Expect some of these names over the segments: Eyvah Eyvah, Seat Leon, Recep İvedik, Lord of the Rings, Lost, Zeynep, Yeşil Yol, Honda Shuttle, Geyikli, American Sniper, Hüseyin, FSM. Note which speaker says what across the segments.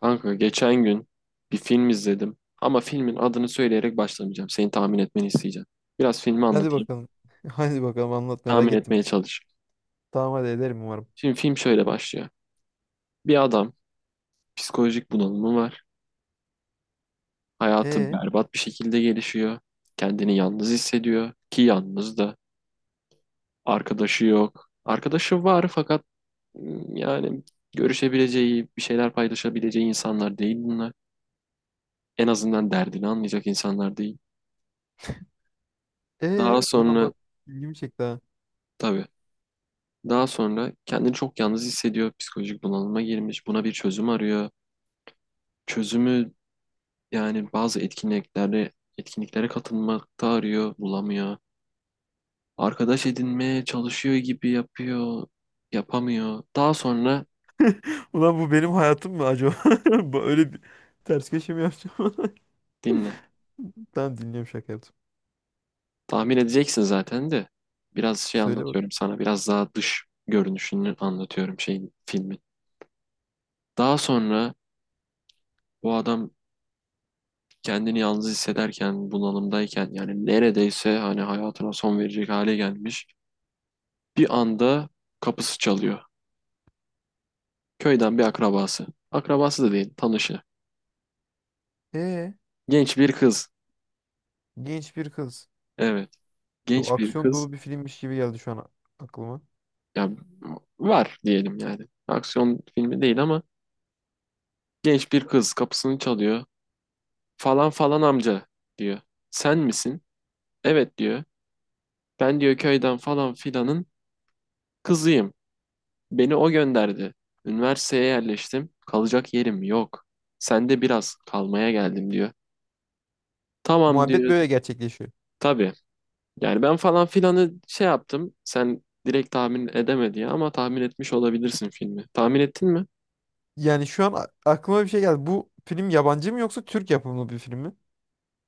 Speaker 1: Kanka geçen gün bir film izledim ama filmin adını söyleyerek başlamayacağım. Senin tahmin etmeni isteyeceğim. Biraz filmi
Speaker 2: Hadi
Speaker 1: anlatayım.
Speaker 2: bakalım. Hadi bakalım, anlat, merak
Speaker 1: Tahmin
Speaker 2: ettim.
Speaker 1: etmeye çalış.
Speaker 2: Tamam, hadi ederim umarım.
Speaker 1: Şimdi film şöyle başlıyor. Bir adam psikolojik bunalımı var. Hayatı
Speaker 2: E
Speaker 1: berbat bir şekilde gelişiyor. Kendini yalnız hissediyor ki yalnız da arkadaşı yok. Arkadaşı var fakat yani görüşebileceği, bir şeyler paylaşabileceği insanlar değil bunlar. En azından derdini anlayacak insanlar değil. Daha
Speaker 2: e ulan
Speaker 1: sonra,
Speaker 2: bak, ilgimi çekti ha.
Speaker 1: tabii. Daha sonra kendini çok yalnız hissediyor, psikolojik bunalıma girmiş, buna bir çözüm arıyor. Çözümü yani bazı etkinliklere katılmakta arıyor, bulamıyor. Arkadaş edinmeye çalışıyor gibi yapıyor, yapamıyor. Daha sonra
Speaker 2: Ulan, bu benim hayatım mı acaba? Bu öyle bir ters köşe mi yapacağım?
Speaker 1: dinle.
Speaker 2: Tamam, dinliyorum, şaka yaptım.
Speaker 1: Tahmin edeceksin zaten de. Biraz şey
Speaker 2: Söyle bak.
Speaker 1: anlatıyorum sana, biraz daha dış görünüşünü anlatıyorum şeyin filmin. Daha sonra bu adam kendini yalnız hissederken, bunalımdayken yani neredeyse hani hayatına son verecek hale gelmiş. Bir anda kapısı çalıyor. Köyden bir akrabası. Akrabası da değil, tanışı.
Speaker 2: E,
Speaker 1: Genç bir kız.
Speaker 2: genç bir kız.
Speaker 1: Evet,
Speaker 2: Çok
Speaker 1: genç bir
Speaker 2: aksiyon
Speaker 1: kız.
Speaker 2: dolu bir filmmiş gibi geldi şu an aklıma.
Speaker 1: Ya var diyelim yani. Aksiyon filmi değil ama genç bir kız kapısını çalıyor. Falan falan amca diyor. Sen misin? Evet diyor. Ben diyor köyden falan filanın kızıyım. Beni o gönderdi. Üniversiteye yerleştim. Kalacak yerim yok. Sen de biraz kalmaya geldim diyor. Tamam
Speaker 2: Muhabbet
Speaker 1: diyor.
Speaker 2: böyle gerçekleşiyor.
Speaker 1: Tabii. Yani ben falan filanı şey yaptım. Sen direkt tahmin edemedi ya ama tahmin etmiş olabilirsin filmi. Tahmin ettin mi?
Speaker 2: Yani şu an aklıma bir şey geldi. Bu film yabancı mı yoksa Türk yapımı bir film mi?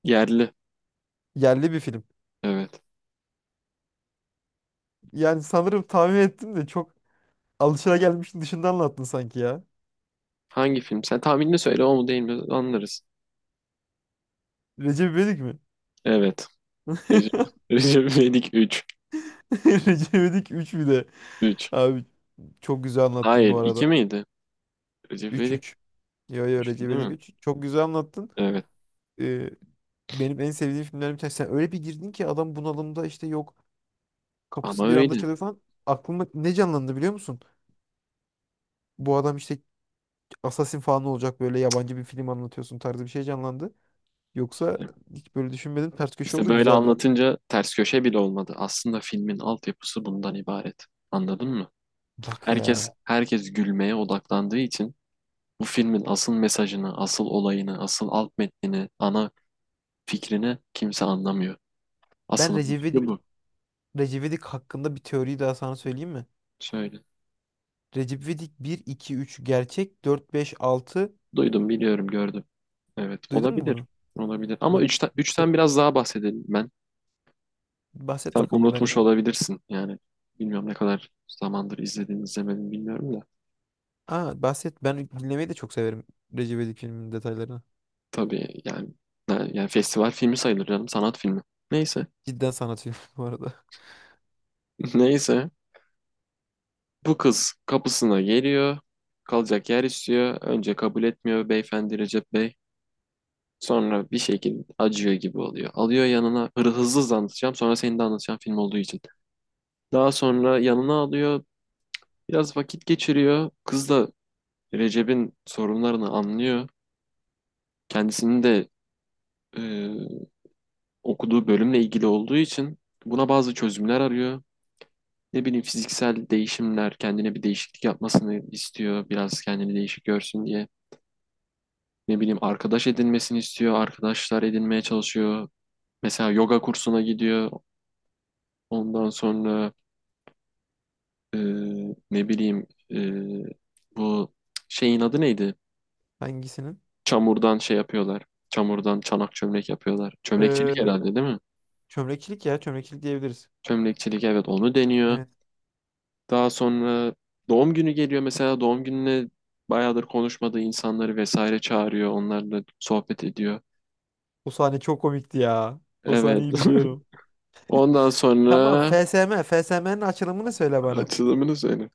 Speaker 1: Yerli.
Speaker 2: Yerli bir film.
Speaker 1: Evet.
Speaker 2: Yani sanırım tahmin ettim de çok alışılagelmişin dışında anlattın sanki ya.
Speaker 1: Hangi film? Sen tahminini söyle o mu değil mi anlarız.
Speaker 2: Recep İvedik mi?
Speaker 1: Evet. Recep, Recep İvedik 3.
Speaker 2: Recep İvedik üç bir de.
Speaker 1: 3.
Speaker 2: Abi, çok güzel anlattın bu
Speaker 1: Hayır, 2
Speaker 2: arada.
Speaker 1: miydi? Recep
Speaker 2: Üç,
Speaker 1: İvedik
Speaker 2: üç. Yo yo,
Speaker 1: 3
Speaker 2: Recep
Speaker 1: değil
Speaker 2: İvedik
Speaker 1: mi?
Speaker 2: üç. Çok güzel anlattın.
Speaker 1: Evet.
Speaker 2: Ee, Benim en sevdiğim filmlerim bir tanesi. Sen öyle bir girdin ki adam bunalımda, işte yok kapısı
Speaker 1: Ama
Speaker 2: bir anda
Speaker 1: öyle.
Speaker 2: çalıyor falan. Aklımda ne canlandı biliyor musun? Bu adam işte Assassin falan olacak, böyle yabancı bir film anlatıyorsun tarzı bir şey canlandı. Yoksa
Speaker 1: İşte,
Speaker 2: hiç böyle düşünmedim. Ters köşe
Speaker 1: işte
Speaker 2: oldu,
Speaker 1: böyle
Speaker 2: güzeldi.
Speaker 1: anlatınca ters köşe bile olmadı. Aslında filmin altyapısı bundan ibaret. Anladın mı?
Speaker 2: Bak
Speaker 1: Herkes
Speaker 2: ya.
Speaker 1: herkes gülmeye odaklandığı için bu filmin asıl mesajını, asıl olayını, asıl alt metnini, ana fikrini kimse anlamıyor.
Speaker 2: Ben
Speaker 1: Asıl ana
Speaker 2: Recep
Speaker 1: fikri
Speaker 2: İvedik,
Speaker 1: bu.
Speaker 2: Recep İvedik hakkında bir teoriyi daha sana söyleyeyim mi?
Speaker 1: Şöyle.
Speaker 2: Recep İvedik 1, 2, 3 gerçek, 4 5 altı.
Speaker 1: Duydum, biliyorum, gördüm. Evet,
Speaker 2: Duydun mu
Speaker 1: olabilir.
Speaker 2: bunu?
Speaker 1: Olabilir. Ama
Speaker 2: Bu
Speaker 1: üçten,
Speaker 2: Yo-
Speaker 1: üçten biraz daha bahsedelim ben.
Speaker 2: Bahset
Speaker 1: Sen
Speaker 2: bakalım ben.
Speaker 1: unutmuş olabilirsin. Yani bilmiyorum ne kadar zamandır izledin, izlemedin bilmiyorum da.
Speaker 2: Aa, bahset. Ben dinlemeyi de çok severim Recep İvedik filminin detaylarını.
Speaker 1: Tabii yani, yani festival filmi sayılır canım, sanat filmi. Neyse.
Speaker 2: Cidden sanat filmi bu arada.
Speaker 1: Neyse. Bu kız kapısına geliyor. Kalacak yer istiyor. Önce kabul etmiyor beyefendi Recep Bey. Sonra bir şekilde acıyor gibi oluyor. Alıyor yanına hızlı hızlı anlatacağım. Sonra senin de anlatacağım film olduğu için. Daha sonra yanına alıyor. Biraz vakit geçiriyor. Kız da Recep'in sorunlarını anlıyor. Kendisinin de e, okuduğu bölümle ilgili olduğu için buna bazı çözümler arıyor. Ne bileyim fiziksel değişimler, kendine bir değişiklik yapmasını istiyor. Biraz kendini değişik görsün diye. Ne bileyim arkadaş edinmesini istiyor. Arkadaşlar edinmeye çalışıyor. Mesela yoga kursuna gidiyor. Ondan sonra e, ne bileyim e, bu şeyin adı neydi?
Speaker 2: Hangisinin?
Speaker 1: Çamurdan şey yapıyorlar. Çamurdan çanak çömlek yapıyorlar. Çömlekçilik
Speaker 2: Ee,
Speaker 1: herhalde değil mi?
Speaker 2: Çömlekçilik, ya çömlekçilik diyebiliriz.
Speaker 1: Çömlekçilik, evet, onu deniyor.
Speaker 2: Evet.
Speaker 1: Daha sonra doğum günü geliyor, mesela doğum gününe bayağıdır konuşmadığı insanları vesaire çağırıyor. Onlarla sohbet ediyor.
Speaker 2: O sahne çok komikti ya. O
Speaker 1: Evet.
Speaker 2: sahneyi biliyorum.
Speaker 1: Ondan
Speaker 2: Tamam,
Speaker 1: sonra
Speaker 2: FSM. FSM'nin açılımını söyle bana.
Speaker 1: açılımını söyle.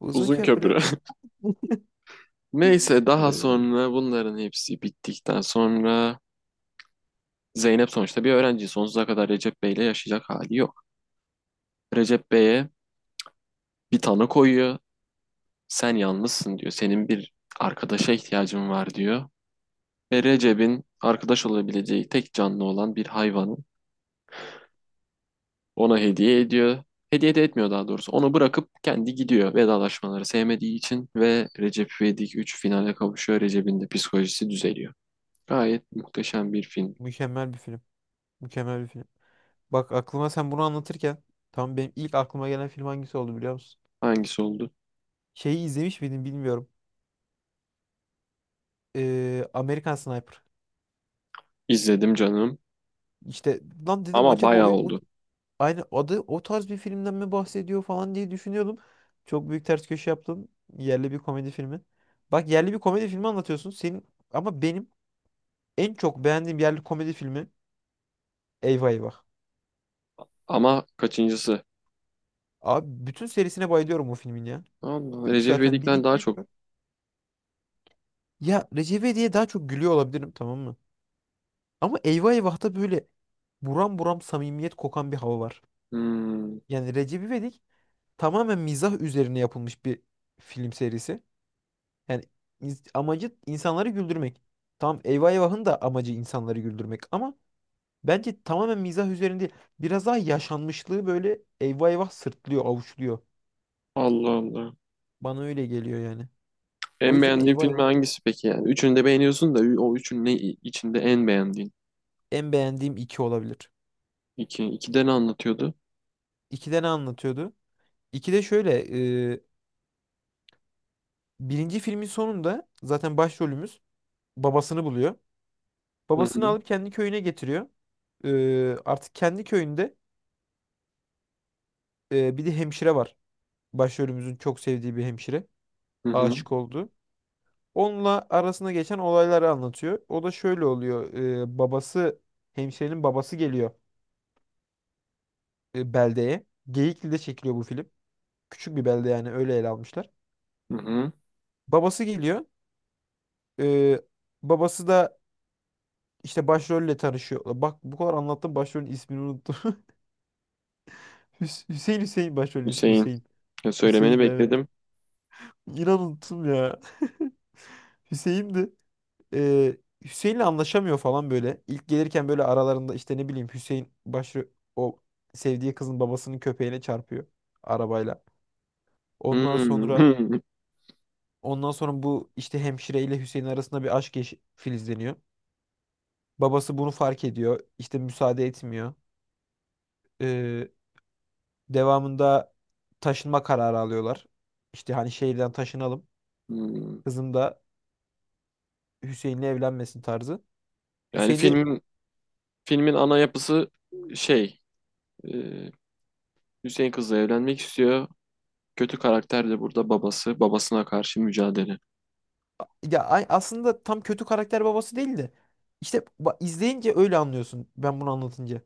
Speaker 2: Uzun
Speaker 1: Uzun
Speaker 2: köprü.
Speaker 1: köprü. Neyse, daha
Speaker 2: Ee,
Speaker 1: sonra bunların hepsi bittikten sonra Zeynep sonuçta bir öğrenci. Sonsuza kadar Recep Bey'le yaşayacak hali yok. Recep Bey'e bir tanı koyuyor. Sen yalnızsın diyor. Senin bir arkadaşa ihtiyacın var diyor. Ve Recep'in arkadaş olabileceği tek canlı olan bir hayvanı ona hediye ediyor. Hediye de etmiyor daha doğrusu. Onu bırakıp kendi gidiyor vedalaşmaları sevmediği için ve Recep İvedik üç finale kavuşuyor. Recep'in de psikolojisi düzeliyor. Gayet muhteşem bir film.
Speaker 2: Mükemmel bir film. Mükemmel bir film. Bak, aklıma sen bunu anlatırken tam benim ilk aklıma gelen film hangisi oldu biliyor musun?
Speaker 1: Hangisi oldu?
Speaker 2: Şeyi izlemiş miydim bilmiyorum. American Sniper.
Speaker 1: İzledim canım
Speaker 2: İşte, lan dedim
Speaker 1: ama
Speaker 2: acaba
Speaker 1: bayağı oldu.
Speaker 2: aynı adı o tarz bir filmden mi bahsediyor falan diye düşünüyordum. Çok büyük ters köşe yaptım. Yerli bir komedi filmi. Bak, yerli bir komedi filmi anlatıyorsun. Senin ama benim en çok beğendiğim yerli komedi filmi Eyvah Eyvah.
Speaker 1: Ama kaçıncısı?
Speaker 2: Abi, bütün serisine bayılıyorum o filmin ya.
Speaker 1: Allah,
Speaker 2: 3
Speaker 1: Recep
Speaker 2: zaten, bir
Speaker 1: İvedik'ten
Speaker 2: 2
Speaker 1: daha
Speaker 2: üç
Speaker 1: çok.
Speaker 2: var. Ya Recep diye daha çok gülüyor olabilirim, tamam mı? Ama Eyvah Eyvah'ta böyle buram buram samimiyet kokan bir hava var.
Speaker 1: Hmm.
Speaker 2: Yani Recep İvedik tamamen mizah üzerine yapılmış bir film serisi. Yani amacı insanları güldürmek. Tamam, Eyvah Eyvah'ın da amacı insanları güldürmek ama bence tamamen mizah üzerinde değil. Biraz daha yaşanmışlığı böyle Eyvah Eyvah sırtlıyor, avuçluyor.
Speaker 1: Allah Allah.
Speaker 2: Bana öyle geliyor yani. O
Speaker 1: En
Speaker 2: yüzden
Speaker 1: beğendiğin
Speaker 2: Eyvah Eyvah
Speaker 1: filmi hangisi peki yani? Üçünü de beğeniyorsun da o üçünün ne içinde en beğendiğin?
Speaker 2: en beğendiğim iki olabilir.
Speaker 1: İki, ikide ne anlatıyordu?
Speaker 2: İkide ne anlatıyordu? İkide şöyle, e, birinci filmin sonunda zaten başrolümüz babasını buluyor.
Speaker 1: Hı
Speaker 2: Babasını
Speaker 1: hı,
Speaker 2: alıp kendi köyüne getiriyor. E, artık kendi köyünde. Bir de hemşire var. Başrolümüzün çok sevdiği bir hemşire.
Speaker 1: hı hı,
Speaker 2: Aşık oldu. Onunla arasında geçen olayları anlatıyor. O da şöyle oluyor. Babası, hemşirenin babası geliyor e, beldeye. Geyikli'de çekiliyor bu film. Küçük bir belde yani, öyle ele almışlar.
Speaker 1: hı hı.
Speaker 2: Babası geliyor. Ee, Babası da işte başrolle tanışıyor. Bak, bu kadar anlattım, başrolün ismini unuttum. Hüseyin, başrolün ismi
Speaker 1: Hüseyin.
Speaker 2: Hüseyin.
Speaker 1: Ya söylemeni
Speaker 2: Hüseyin de evet.
Speaker 1: bekledim.
Speaker 2: İnan unuttum ya. Hüseyin'di. e, Hüseyin'le anlaşamıyor falan böyle. İlk gelirken böyle aralarında işte ne bileyim, Hüseyin başı o sevdiği kızın babasının köpeğine çarpıyor arabayla. Ondan
Speaker 1: Hmm.
Speaker 2: sonra
Speaker 1: Hmm,
Speaker 2: ondan sonra bu işte hemşire ile Hüseyin arasında bir aşk filizleniyor. Babası bunu fark ediyor. İşte müsaade etmiyor. Ee, devamında taşınma kararı alıyorlar. İşte hani şehirden taşınalım.
Speaker 1: hmm.
Speaker 2: Kızım da Hüseyin'le evlenmesin tarzı.
Speaker 1: Yani
Speaker 2: Hüseyin de
Speaker 1: filmin ana yapısı şey e, Hüseyin kızla evlenmek istiyor. Kötü karakter de burada babası. Babasına karşı mücadele.
Speaker 2: Ya aslında tam kötü karakter babası değil de işte izleyince öyle anlıyorsun, ben bunu anlatınca.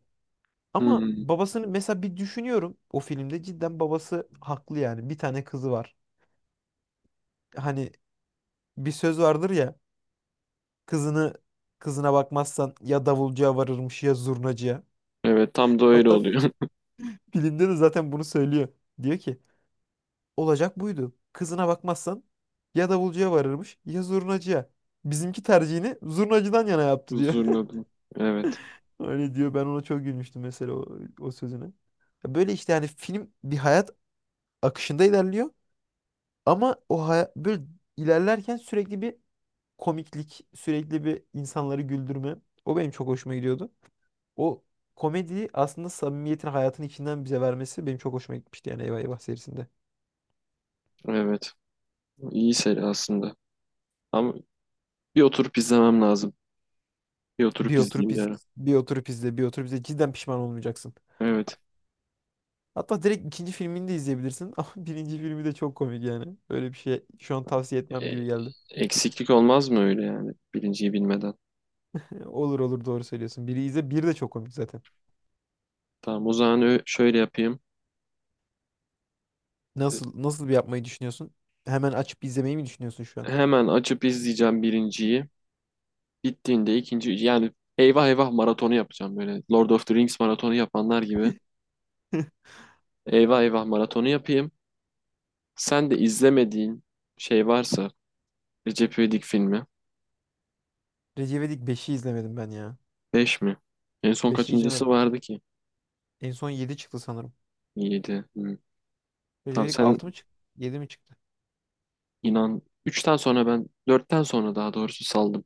Speaker 2: Ama
Speaker 1: Hmm.
Speaker 2: babasını mesela bir düşünüyorum, o filmde cidden babası haklı yani. Bir tane kızı var. Hani bir söz vardır ya, kızını kızına bakmazsan ya davulcuya varırmış ya zurnacıya.
Speaker 1: Evet, tam da öyle
Speaker 2: Hatta
Speaker 1: oluyor.
Speaker 2: filmde de zaten bunu söylüyor. Diyor ki olacak buydu. Kızına bakmazsan ya davulcuya varırmış ya zurnacıya. Bizimki tercihini zurnacıdan yana yaptı diyor.
Speaker 1: Huzurun adı. Evet.
Speaker 2: Öyle diyor. Ben ona çok gülmüştüm mesela o sözüne. Ya böyle işte, yani film bir hayat akışında ilerliyor ama böyle ilerlerken sürekli bir komiklik, sürekli bir insanları güldürme. O benim çok hoşuma gidiyordu. O komediyi aslında samimiyetin hayatın içinden bize vermesi benim çok hoşuma gitmişti yani Eyvah Eyvah serisinde.
Speaker 1: Evet. İyi seri aslında. Ama bir oturup izlemem lazım. Bir
Speaker 2: Bir
Speaker 1: oturup
Speaker 2: oturup
Speaker 1: izleyeyim bir
Speaker 2: iz
Speaker 1: ara.
Speaker 2: bir oturup izle, bir oturup izle, cidden pişman olmayacaksın.
Speaker 1: Evet.
Speaker 2: Hatta direkt ikinci filmini de izleyebilirsin ama birinci filmi de çok komik yani. Öyle bir şey, şu an tavsiye etmem
Speaker 1: E,
Speaker 2: gibi geldi.
Speaker 1: eksiklik olmaz mı öyle yani birinciyi bilmeden?
Speaker 2: Olur olur, doğru söylüyorsun. Biri izle, bir de çok komik zaten.
Speaker 1: Tamam o zaman şöyle yapayım. E,
Speaker 2: Nasıl, nasıl bir yapmayı düşünüyorsun? Hemen açıp izlemeyi mi düşünüyorsun şu an?
Speaker 1: Hemen açıp izleyeceğim birinciyi. Bittiğinde ikinci yani eyvah eyvah maratonu yapacağım böyle. Lord of the Rings maratonu yapanlar gibi. Eyvah eyvah maratonu yapayım. Sen de izlemediğin şey varsa Recep İvedik filmi.
Speaker 2: Recep İvedik 5'i izlemedim ben ya.
Speaker 1: 5 mi? En son
Speaker 2: Beşi
Speaker 1: kaçıncısı
Speaker 2: izlemedim.
Speaker 1: vardı ki?
Speaker 2: En son 7 çıktı sanırım.
Speaker 1: 7.
Speaker 2: Recep
Speaker 1: Tamam
Speaker 2: İvedik
Speaker 1: sen.
Speaker 2: 6 mı çıktı, 7 mi çıktı?
Speaker 1: İnan üçten sonra, ben dörtten sonra daha doğrusu saldım.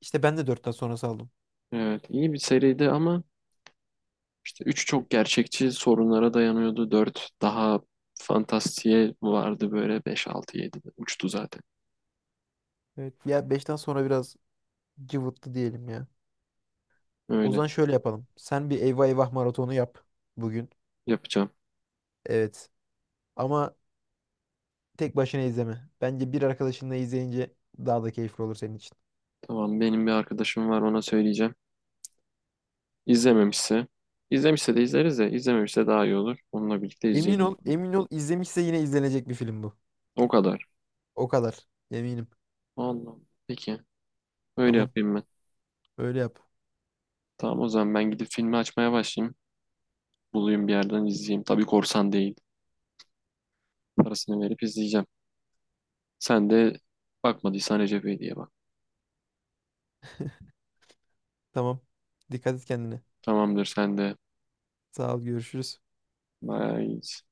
Speaker 2: İşte ben de dörtten sonrası aldım.
Speaker 1: Evet, iyi bir seriydi ama işte 3 çok gerçekçi sorunlara dayanıyordu. Dört daha fantastiğe vardı, böyle 5 6 7 uçtu zaten.
Speaker 2: Evet. Ya beşten sonra biraz cıvıttı diyelim ya. O
Speaker 1: Öyle
Speaker 2: zaman şöyle yapalım. Sen bir Eyvah Eyvah maratonu yap bugün.
Speaker 1: yapacağım.
Speaker 2: Evet. Ama tek başına izleme. Bence bir arkadaşınla izleyince daha da keyifli olur senin için.
Speaker 1: Tamam benim bir arkadaşım var, ona söyleyeceğim. İzlememişse, izlemişse de izleriz, de izlememişse daha iyi olur. Onunla birlikte
Speaker 2: Emin
Speaker 1: izleyelim.
Speaker 2: ol, emin ol, izlemişse yine izlenecek bir film bu.
Speaker 1: O kadar.
Speaker 2: O kadar. Eminim.
Speaker 1: Allah. Peki öyle
Speaker 2: Tamam.
Speaker 1: yapayım ben.
Speaker 2: Öyle yap.
Speaker 1: Tamam o zaman ben gidip filmi açmaya başlayayım. Bulayım bir yerden izleyeyim. Tabii korsan değil. Parasını verip izleyeceğim. Sen de bakmadıysan Recep İvedik'e bak.
Speaker 2: Tamam. Dikkat et kendine.
Speaker 1: Tamamdır sen de.
Speaker 2: Sağ ol. Görüşürüz.
Speaker 1: Bye.